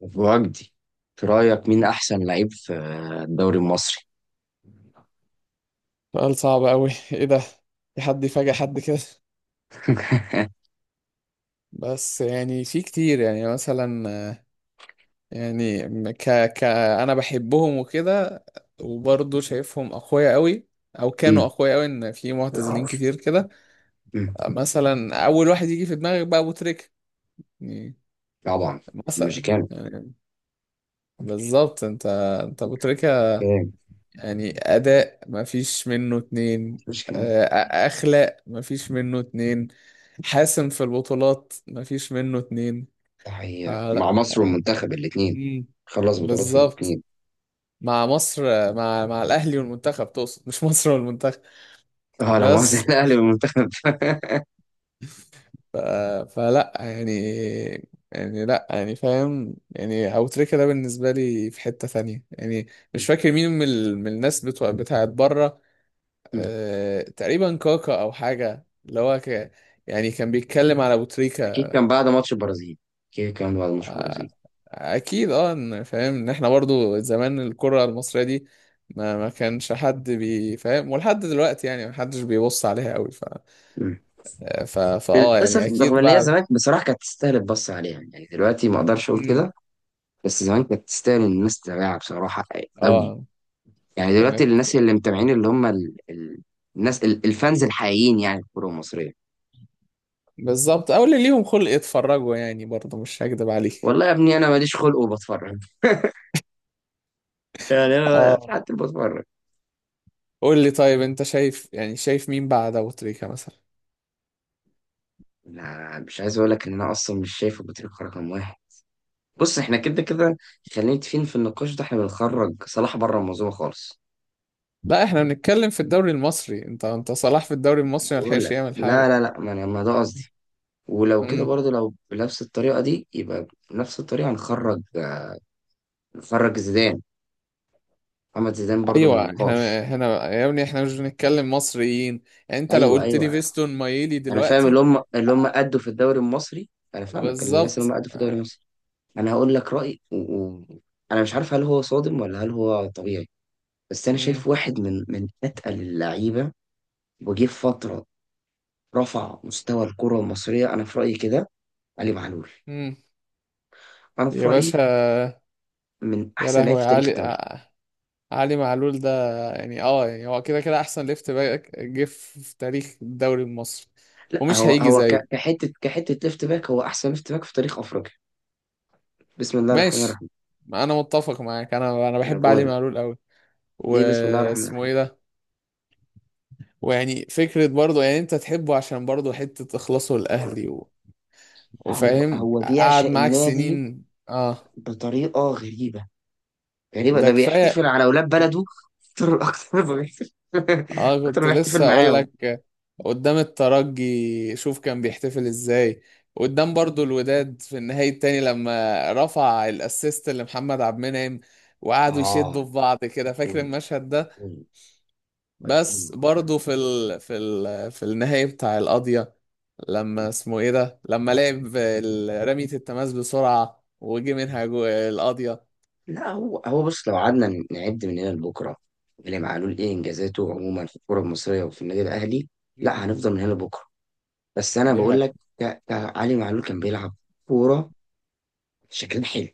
وجدي، في رأيك مين أحسن لعيب في الدوري المصري؟ سؤال صعب أوي إيه ده؟ في حد يفاجئ حد كده؟ بس يعني في كتير، يعني مثلا، يعني ك ك أنا بحبهم وكده، وبرضه شايفهم أقوياء أوي، أو كانوا مم. أقوياء أوي، إن في معتزلين كتير كده. مم. مثلا أول واحد يجي في دماغك بقى أبو تريكة، يعني طبعا. مثلا، المشيكان. يعني بالظبط. أنت أبو تريكة، كام يعني أداء مفيش منه اتنين، مشيكان؟ آه، أخلاق مفيش منه اتنين، حاسم في البطولات مفيش منه اتنين. تحية فلا مع مصر والمنتخب الاثنين. مم. خلص بطولات في بالظبط، الاثنين. مع مصر، مع الأهلي والمنتخب تقصد، مش مصر والمنتخب. اه، لا مؤاخذة. بس الأهلي والمنتخب. ف... فلا يعني لا يعني فاهم، يعني أبو تريكة ده بالنسبة لي في حتة ثانية يعني. مش فاكر مين من الناس بتوع بتاعت بره. مم. تقريبا كاكا او حاجه، اللي هو يعني كان بيتكلم على ابو أكيد تريكه. كان بعد ماتش البرازيل. أكيد كان بعد ماتش البرازيل. اكيد اه، فاهم ان احنا برضو زمان الكره المصريه دي ما كانش حد بيفهم، ولحد دلوقتي يعني ما حدش بيبص عليها قوي. ف مم. ف فاه للأسف يعني رغم اكيد إن هي بعد. زمان بصراحة كانت تستاهل البص عليها، يعني دلوقتي ما أقدرش أقول امم كده. بس زمان كانت تستاهل إن الناس تتابعها بصراحة. أوي. اه يعني دلوقتي كانت. الناس اللي متابعين اللي هم الناس الفانز الحقيقيين، يعني في الكوره المصريه. بالظبط، او اللي ليهم خلق يتفرجوا يعني، برضو مش هكدب عليك. والله يا ابني انا ماليش خلق وبتفرج. يعني انا اه. في حد بتفرج؟ قول لي طيب، انت شايف، يعني شايف مين بعد ابو تريكه مثلا؟ لا، مش عايز اقول لك ان انا اصلا مش شايف ابو تريكه رقم واحد. بص، احنا كده كده خلينا متفقين، في النقاش ده احنا بنخرج صلاح بره الموضوع خالص. لا احنا بنتكلم في الدوري المصري، انت صلاح في الدوري انا المصري ما بقول لحقش لك يعمل لا حاجه. لا لا ما انا ما ده قصدي. ولو كده امم برضه، لو بنفس الطريقه دي، يبقى بنفس الطريقه نخرج زيدان، محمد زيدان برضه من ايوه، النقاش. احنا هنا يا ابني احنا مش بنتكلم مصريين، يعني انت لو ايوه قلت لي ايوه، فيستون مايلي انا فاهم اللي دلوقتي. هم اللي هم ادوا في الدوري المصري. انا فاهمك، الناس اللي بالظبط. هم ادوا في الدوري المصري. انا هقول لك رايي انا مش عارف هل هو صادم ولا هل هو طبيعي. بس انا امم شايف واحد من اتقل اللعيبه، وجه في فتره رفع مستوى الكره المصريه، انا في رايي كده. علي معلول، امم انا في يا رايي باشا. من يا احسن لعيب لهوي، في تاريخ الدوري. علي معلول ده، يعني اه يعني هو كده كده احسن ليفت باك جه في تاريخ الدوري المصري، لا، ومش هو هيجي هو زيه. كحته، ليفت باك، هو احسن ليفت باك في تاريخ افريقيا. بسم الله الرحمن ماشي، الرحيم. انا متفق معاك، انا انا بحب بقول علي لك معلول قوي. ليه بسم الله الرحمن واسمه الرحيم. ايه ده؟ ويعني فكرة برضه، يعني انت تحبه عشان برضه حتة تخلصه لأهلي هو وفاهم هو قعد بيعشق معاك النادي سنين، اه، بطريقه غريبه، غريبة. ده ده كفاية. بيحتفل على أولاد بلده أكتر، أكتر ما بيحتفل اه، أكتر كنت ما بيحتفل لسه اقول معاهم. لك، قدام الترجي شوف كان بيحتفل ازاي، قدام برضه الوداد في النهائي التاني لما رفع الاسيست لمحمد عبد المنعم، وقعدوا يشدوا آه، في بعض كده، فاكر أيقوني. المشهد ده؟ أيقوني. أيقوني بس بجد. برضه في في النهائي بتاع القضية لما اسمه ايه ده، لما لعب رمية التماس بسرعة، وجي منها القاضية. لا، هو بص، لو قعدنا نعد من هنا لبكرة إمام معلول إيه إنجازاته عموما في الكرة المصرية وفي النادي الأهلي، لا مم. هنفضل من هنا لبكرة. بس أنا دي بقول حقيقة. لك، علي معلول كان بيلعب كورة شكلها حلو.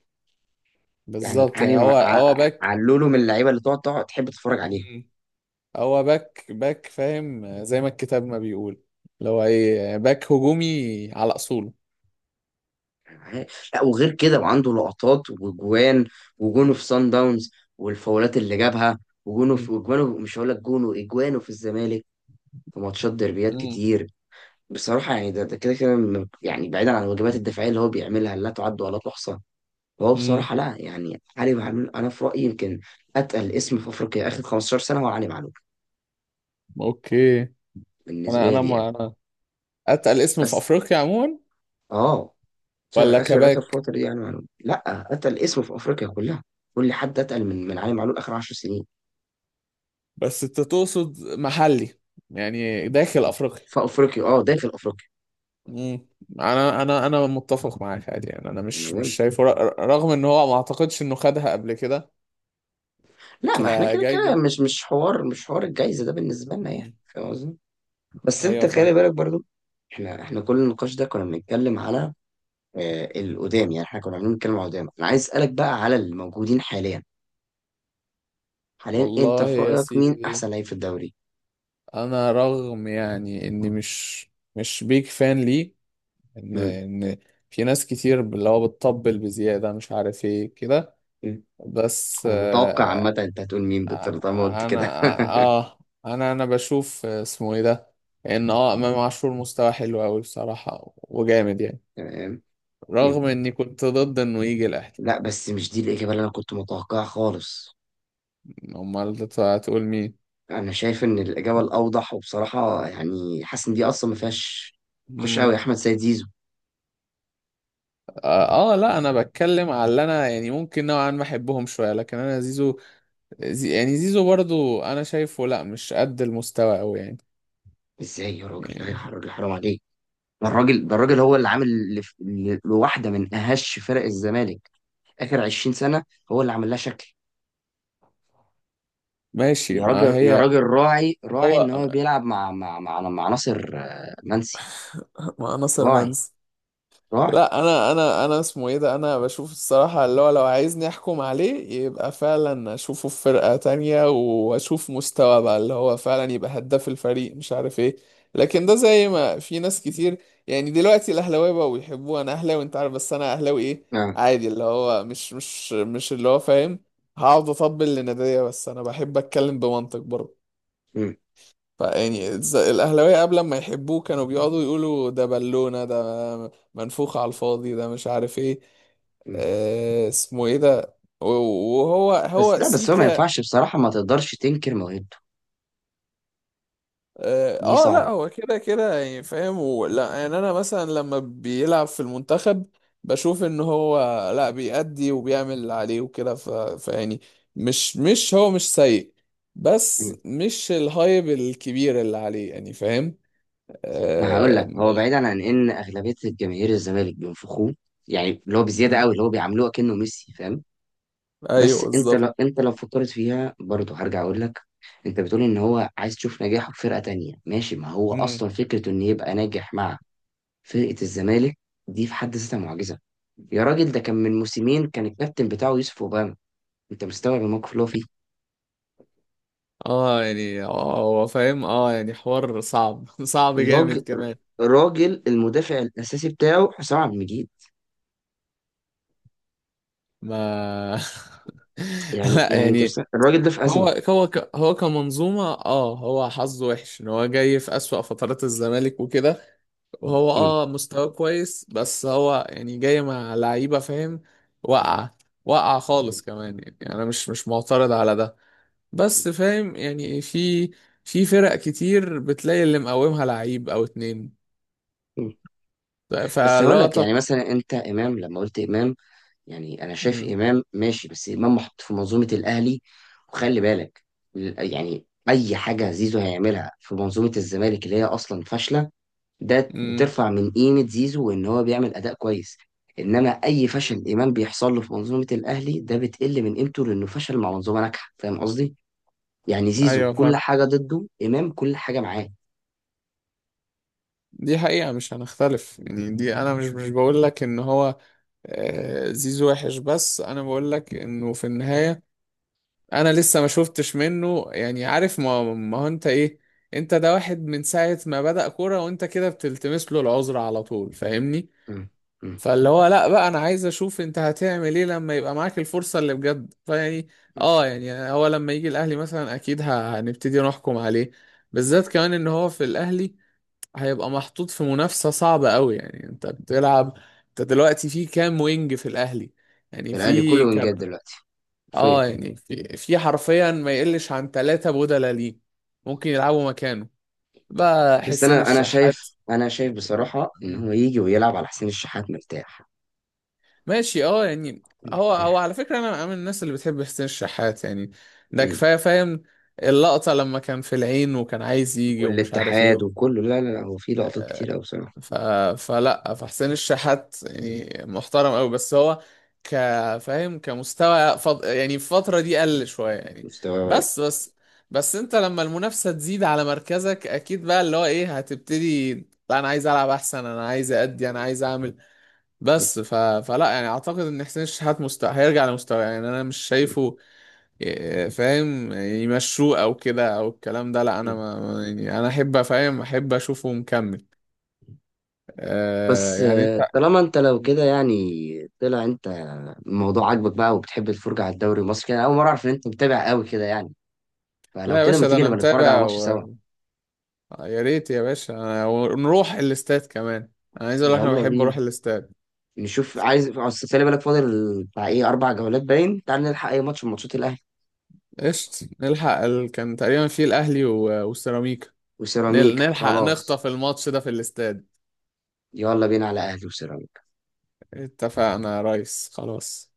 يعني بالظبط، علي يعني هو مع... ع- هو ع- باك. علوله من اللعيبة اللي تقعد تحب تتفرج عليها. مم. هو باك باك، فاهم، زي ما الكتاب ما بيقول، اللي هو ايه، باك هجومي على اصوله. لا، وغير كده وعنده لقطات وجوان، وجونه في سان داونز، والفاولات اللي جابها، وجونه مم. في مش هقول لك جونه، اجوانه في الزمالك في ماتشات ديربيات مم. كتير. بصراحه يعني ده كده كده يعني بعيدا عن الواجبات الدفاعيه اللي هو بيعملها لا تعد ولا تحصى. هو امم بصراحه لا، يعني علي معلول انا في رايي يمكن اتقل اسم في افريقيا اخر 15 سنه هو علي معلول، اوكي، انا بالنسبه انا لي يعني. ما انا اتقل اسم في بس افريقيا عموما اه، ولا اخر اخر كباك؟ فتره دي يعني معلول لا اتقل اسم في افريقيا كلها. كل حد اتقل من علي معلول اخر 10 سنين. بس انت تقصد محلي، يعني داخل افريقيا. في افريقيا، اه داخل افريقيا. مم. انا متفق معاك عادي، يعني انا زي ما مش بقول، شايفه، رغم ان هو ما اعتقدش انه خدها قبل كده لا ما احنا كده كده كجايزه. مش حوار، مش حوار الجايزه ده بالنسبه لنا، يعني مم. فاهم قصدي. بس انت ايوه فاهم. خلي بالك برضو، احنا، كل النقاش ده كنا بنتكلم على آه القدام. يعني احنا كنا عاملين بنتكلم على القدام، انا عايز اسالك بقى على الموجودين حاليا. حاليا انت والله في يا رايك مين سيدي، احسن لعيب في الدوري؟ انا رغم يعني اني مش مش بيك فان ليه، ان امم. ان في ناس كتير اللي هو بتطبل بزياده، مش عارف ايه كده. أمم. بس انا متوقع عامه آه انت هتقول مين بالطريقه ما قلت آه، انا كده. اه آه، انا بشوف، اسمه ايه ده، ان اه امام عاشور مستوى حلو قوي بصراحه وجامد يعني، تمام. أمم. رغم اني كنت ضد انه يجي الاهلي. لا بس مش دي الاجابه اللي انا كنت متوقعها خالص. امال هتقول مين؟ انا شايف ان الاجابه الاوضح، وبصراحه يعني حاسس ان دي اصلا ما فيهاش خش قوي، مم. احمد سيد زيزو. لا انا بتكلم على اللي انا يعني ممكن نوعا ما احبهم شويه، لكن انا زيزو، زي يعني زيزو برضو انا شايفه لا مش قد المستوى قوي يعني. ازاي يا راجل؟ لا يا يعني راجل حرام عليك. ده الراجل، هو اللي عامل لواحده من اهش فرق الزمالك اخر 20 سنه. هو اللي عامل لها شكل. ماشي، يا ما راجل، يا هي راجل، راعي، راعي ان هو هو بيلعب مع مع ناصر آه، منسي. مع ناصر راعي. منسي. راعي. لا انا اسمه ايه ده، انا بشوف الصراحة اللي هو لو عايزني احكم عليه يبقى فعلا اشوفه في فرقة تانية، واشوف مستوى بقى اللي هو فعلا يبقى هداف الفريق، مش عارف ايه. لكن ده زي ما في ناس كتير، يعني دلوقتي الاهلاويه بقوا يحبوه. انا اهلاوي، انت عارف، بس انا اهلاوي ايه، اه. عادي، اللي هو مش اللي هو فاهم هقعد اطبل لنادية، بس انا بحب اتكلم بمنطق برضه. مم. فيعني الأهلاوية قبل ما يحبوه كانوا بيقعدوا يقولوا ده بالونة، ده منفوخ على الفاضي، ده مش عارف ايه. مم. آه اسمه ايه ده، و- وهو بس هو لا، بس هو ما سيكا. ينفعش بصراحه، ما تقدرش تنكر موهبته. دي لا صعبه. هو كده كده يعني فاهم، ولا يعني انا مثلا لما بيلعب في المنتخب بشوف ان هو لا بيأدي وبيعمل اللي عليه وكده. فيعني مش مش هو مش سيء، بس مش الهايب الكبير اللي عليه يعني، فاهم. ما هقول آه. لك، هو بعيدا عن ان اغلبيه الجماهير الزمالك بينفخوه، يعني اللي هو بزياده مم. قوي، اللي هو بيعاملوه كأنه ميسي، فاهم. ايوه بس انت بالظبط. لو، انت لو فكرت فيها برضه، هرجع اقول لك، انت بتقول ان هو عايز تشوف نجاحه في فرقه تانية. ماشي، ما هو امم اصلا فكره ان يبقى ناجح مع فرقه الزمالك دي في حد ذاتها معجزه. يا راجل، ده كان من موسمين كان الكابتن بتاعه يوسف اوباما. انت مستوعب الموقف اللي هو فيه؟ اه يعني هو فاهم، يعني حوار صعب صعب جامد الراجل، كمان. المدافع الاساسي بتاعه حسام عبد المجيد. ما يعني لا يعني انت يعني الراجل ده في ازمه. هو كمنظومة اه، هو حظه وحش ان هو جاي في أسوأ فترات الزمالك وكده، وهو اه مستواه كويس، بس هو يعني جاي مع لعيبة فاهم، واقعة، واقعة خالص كمان يعني، انا مش مش معترض على ده، بس فاهم يعني في في فرق كتير بتلاقي اللي مقومها لعيب او اتنين، مم. بس هقول لك، فلقطة. يعني مثلا انت امام، لما قلت امام، يعني انا شايف مم. امام ماشي، بس امام محط في منظومه الاهلي. وخلي بالك، يعني اي حاجه زيزو هيعملها في منظومه الزمالك اللي هي اصلا فاشله، ده مم. بترفع من قيمه زيزو وان هو بيعمل اداء كويس. انما اي فشل امام بيحصل له في منظومه الاهلي، ده بتقل من قيمته، لانه فشل مع منظومه ناجحه، فاهم قصدي؟ يعني زيزو ايوه كل فاهم، حاجه ضده، امام كل حاجه معاه. دي حقيقة، مش هنختلف يعني، دي انا مش مش بقول لك ان هو آه، زيزو وحش، بس انا بقول لك انه في النهاية انا لسه ما شفتش منه يعني عارف، ما هو انت ايه، انت ده واحد من ساعة ما بدأ كورة وانت كده بتلتمس له العذر على طول، فاهمني؟ مم. مم. فاللي هو لا بقى، انا عايز اشوف انت هتعمل ايه لما يبقى معاك الفرصة اللي بجد، فيعني مم. اه يعني هو لما يجي الاهلي مثلا اكيد هنبتدي نحكم عليه، بالذات كمان ان هو في الاهلي هيبقى محطوط في منافسة صعبة قوي يعني، انت بتلعب، انت دلوقتي في كام وينج في الاهلي؟ يعني الاهلي كله في انجاز دلوقتي، اه حرفيا. يعني في في حرفيا ما يقلش عن ثلاثة بدلة ليه ممكن يلعبوا مكانه بقى بس حسين انا الشحات. شايف، شايف بصراحه ان هو يجي ويلعب على حسين الشحات مرتاح. ماشي، اه يعني هو هو مرتاح. على فكرة انا أنا من الناس اللي بتحب حسين الشحات، يعني ده مم. كفاية، فاهم، اللقطة لما كان في العين وكان عايز يجي، ومش عارف والاتحاد ايه. وكله، لا، هو في لقطات آه. كتير قوي بصراحه. ف... فلا، فحسين الشحات يعني محترم قوي، بس هو كفاهم كمستوى يعني في الفترة دي قل شوية يعني. مستواه واقع. بس بس بس انت لما المنافسة تزيد على مركزك اكيد بقى اللي هو ايه هتبتدي، لا انا عايز العب احسن، انا عايز ادي، انا عايز اعمل. مم. بس فلا يعني اعتقد ان حسين الشحات هيرجع لمستوى، يعني انا مش شايفه فاهم يمشوه او كده او الكلام ده، لا انا مم. يعني انا احب فاهم احب اشوفه مكمل. آه بس يعني انت، آه، طالما انت لو كده يعني، طلع انت الموضوع عاجبك بقى وبتحب الفرجه على الدوري المصري كده. أنا اول مره اعرف ان انت متابع قوي كده يعني. فلو لا يا كده ما باشا ده تيجي انا نبقى نتفرج على متابع ماتش سوا. يا ريت يا باشا، ونروح الاستاد كمان، انا عايز اقول لك انا يلا بحب بينا اروح الاستاد. نشوف، عايز أصل خلي بالك فاضل بتاع ايه اربع جولات باين، تعال نلحق اي ماتش من ماتشات الاهلي. قشط نلحق كان تقريبا فيه الاهلي والسيراميكا، وسيراميك، نلحق خلاص. نخطف الماتش ده في الاستاد. يلا بينا على أهلي وسلام. اتفقنا يا ريس خلاص.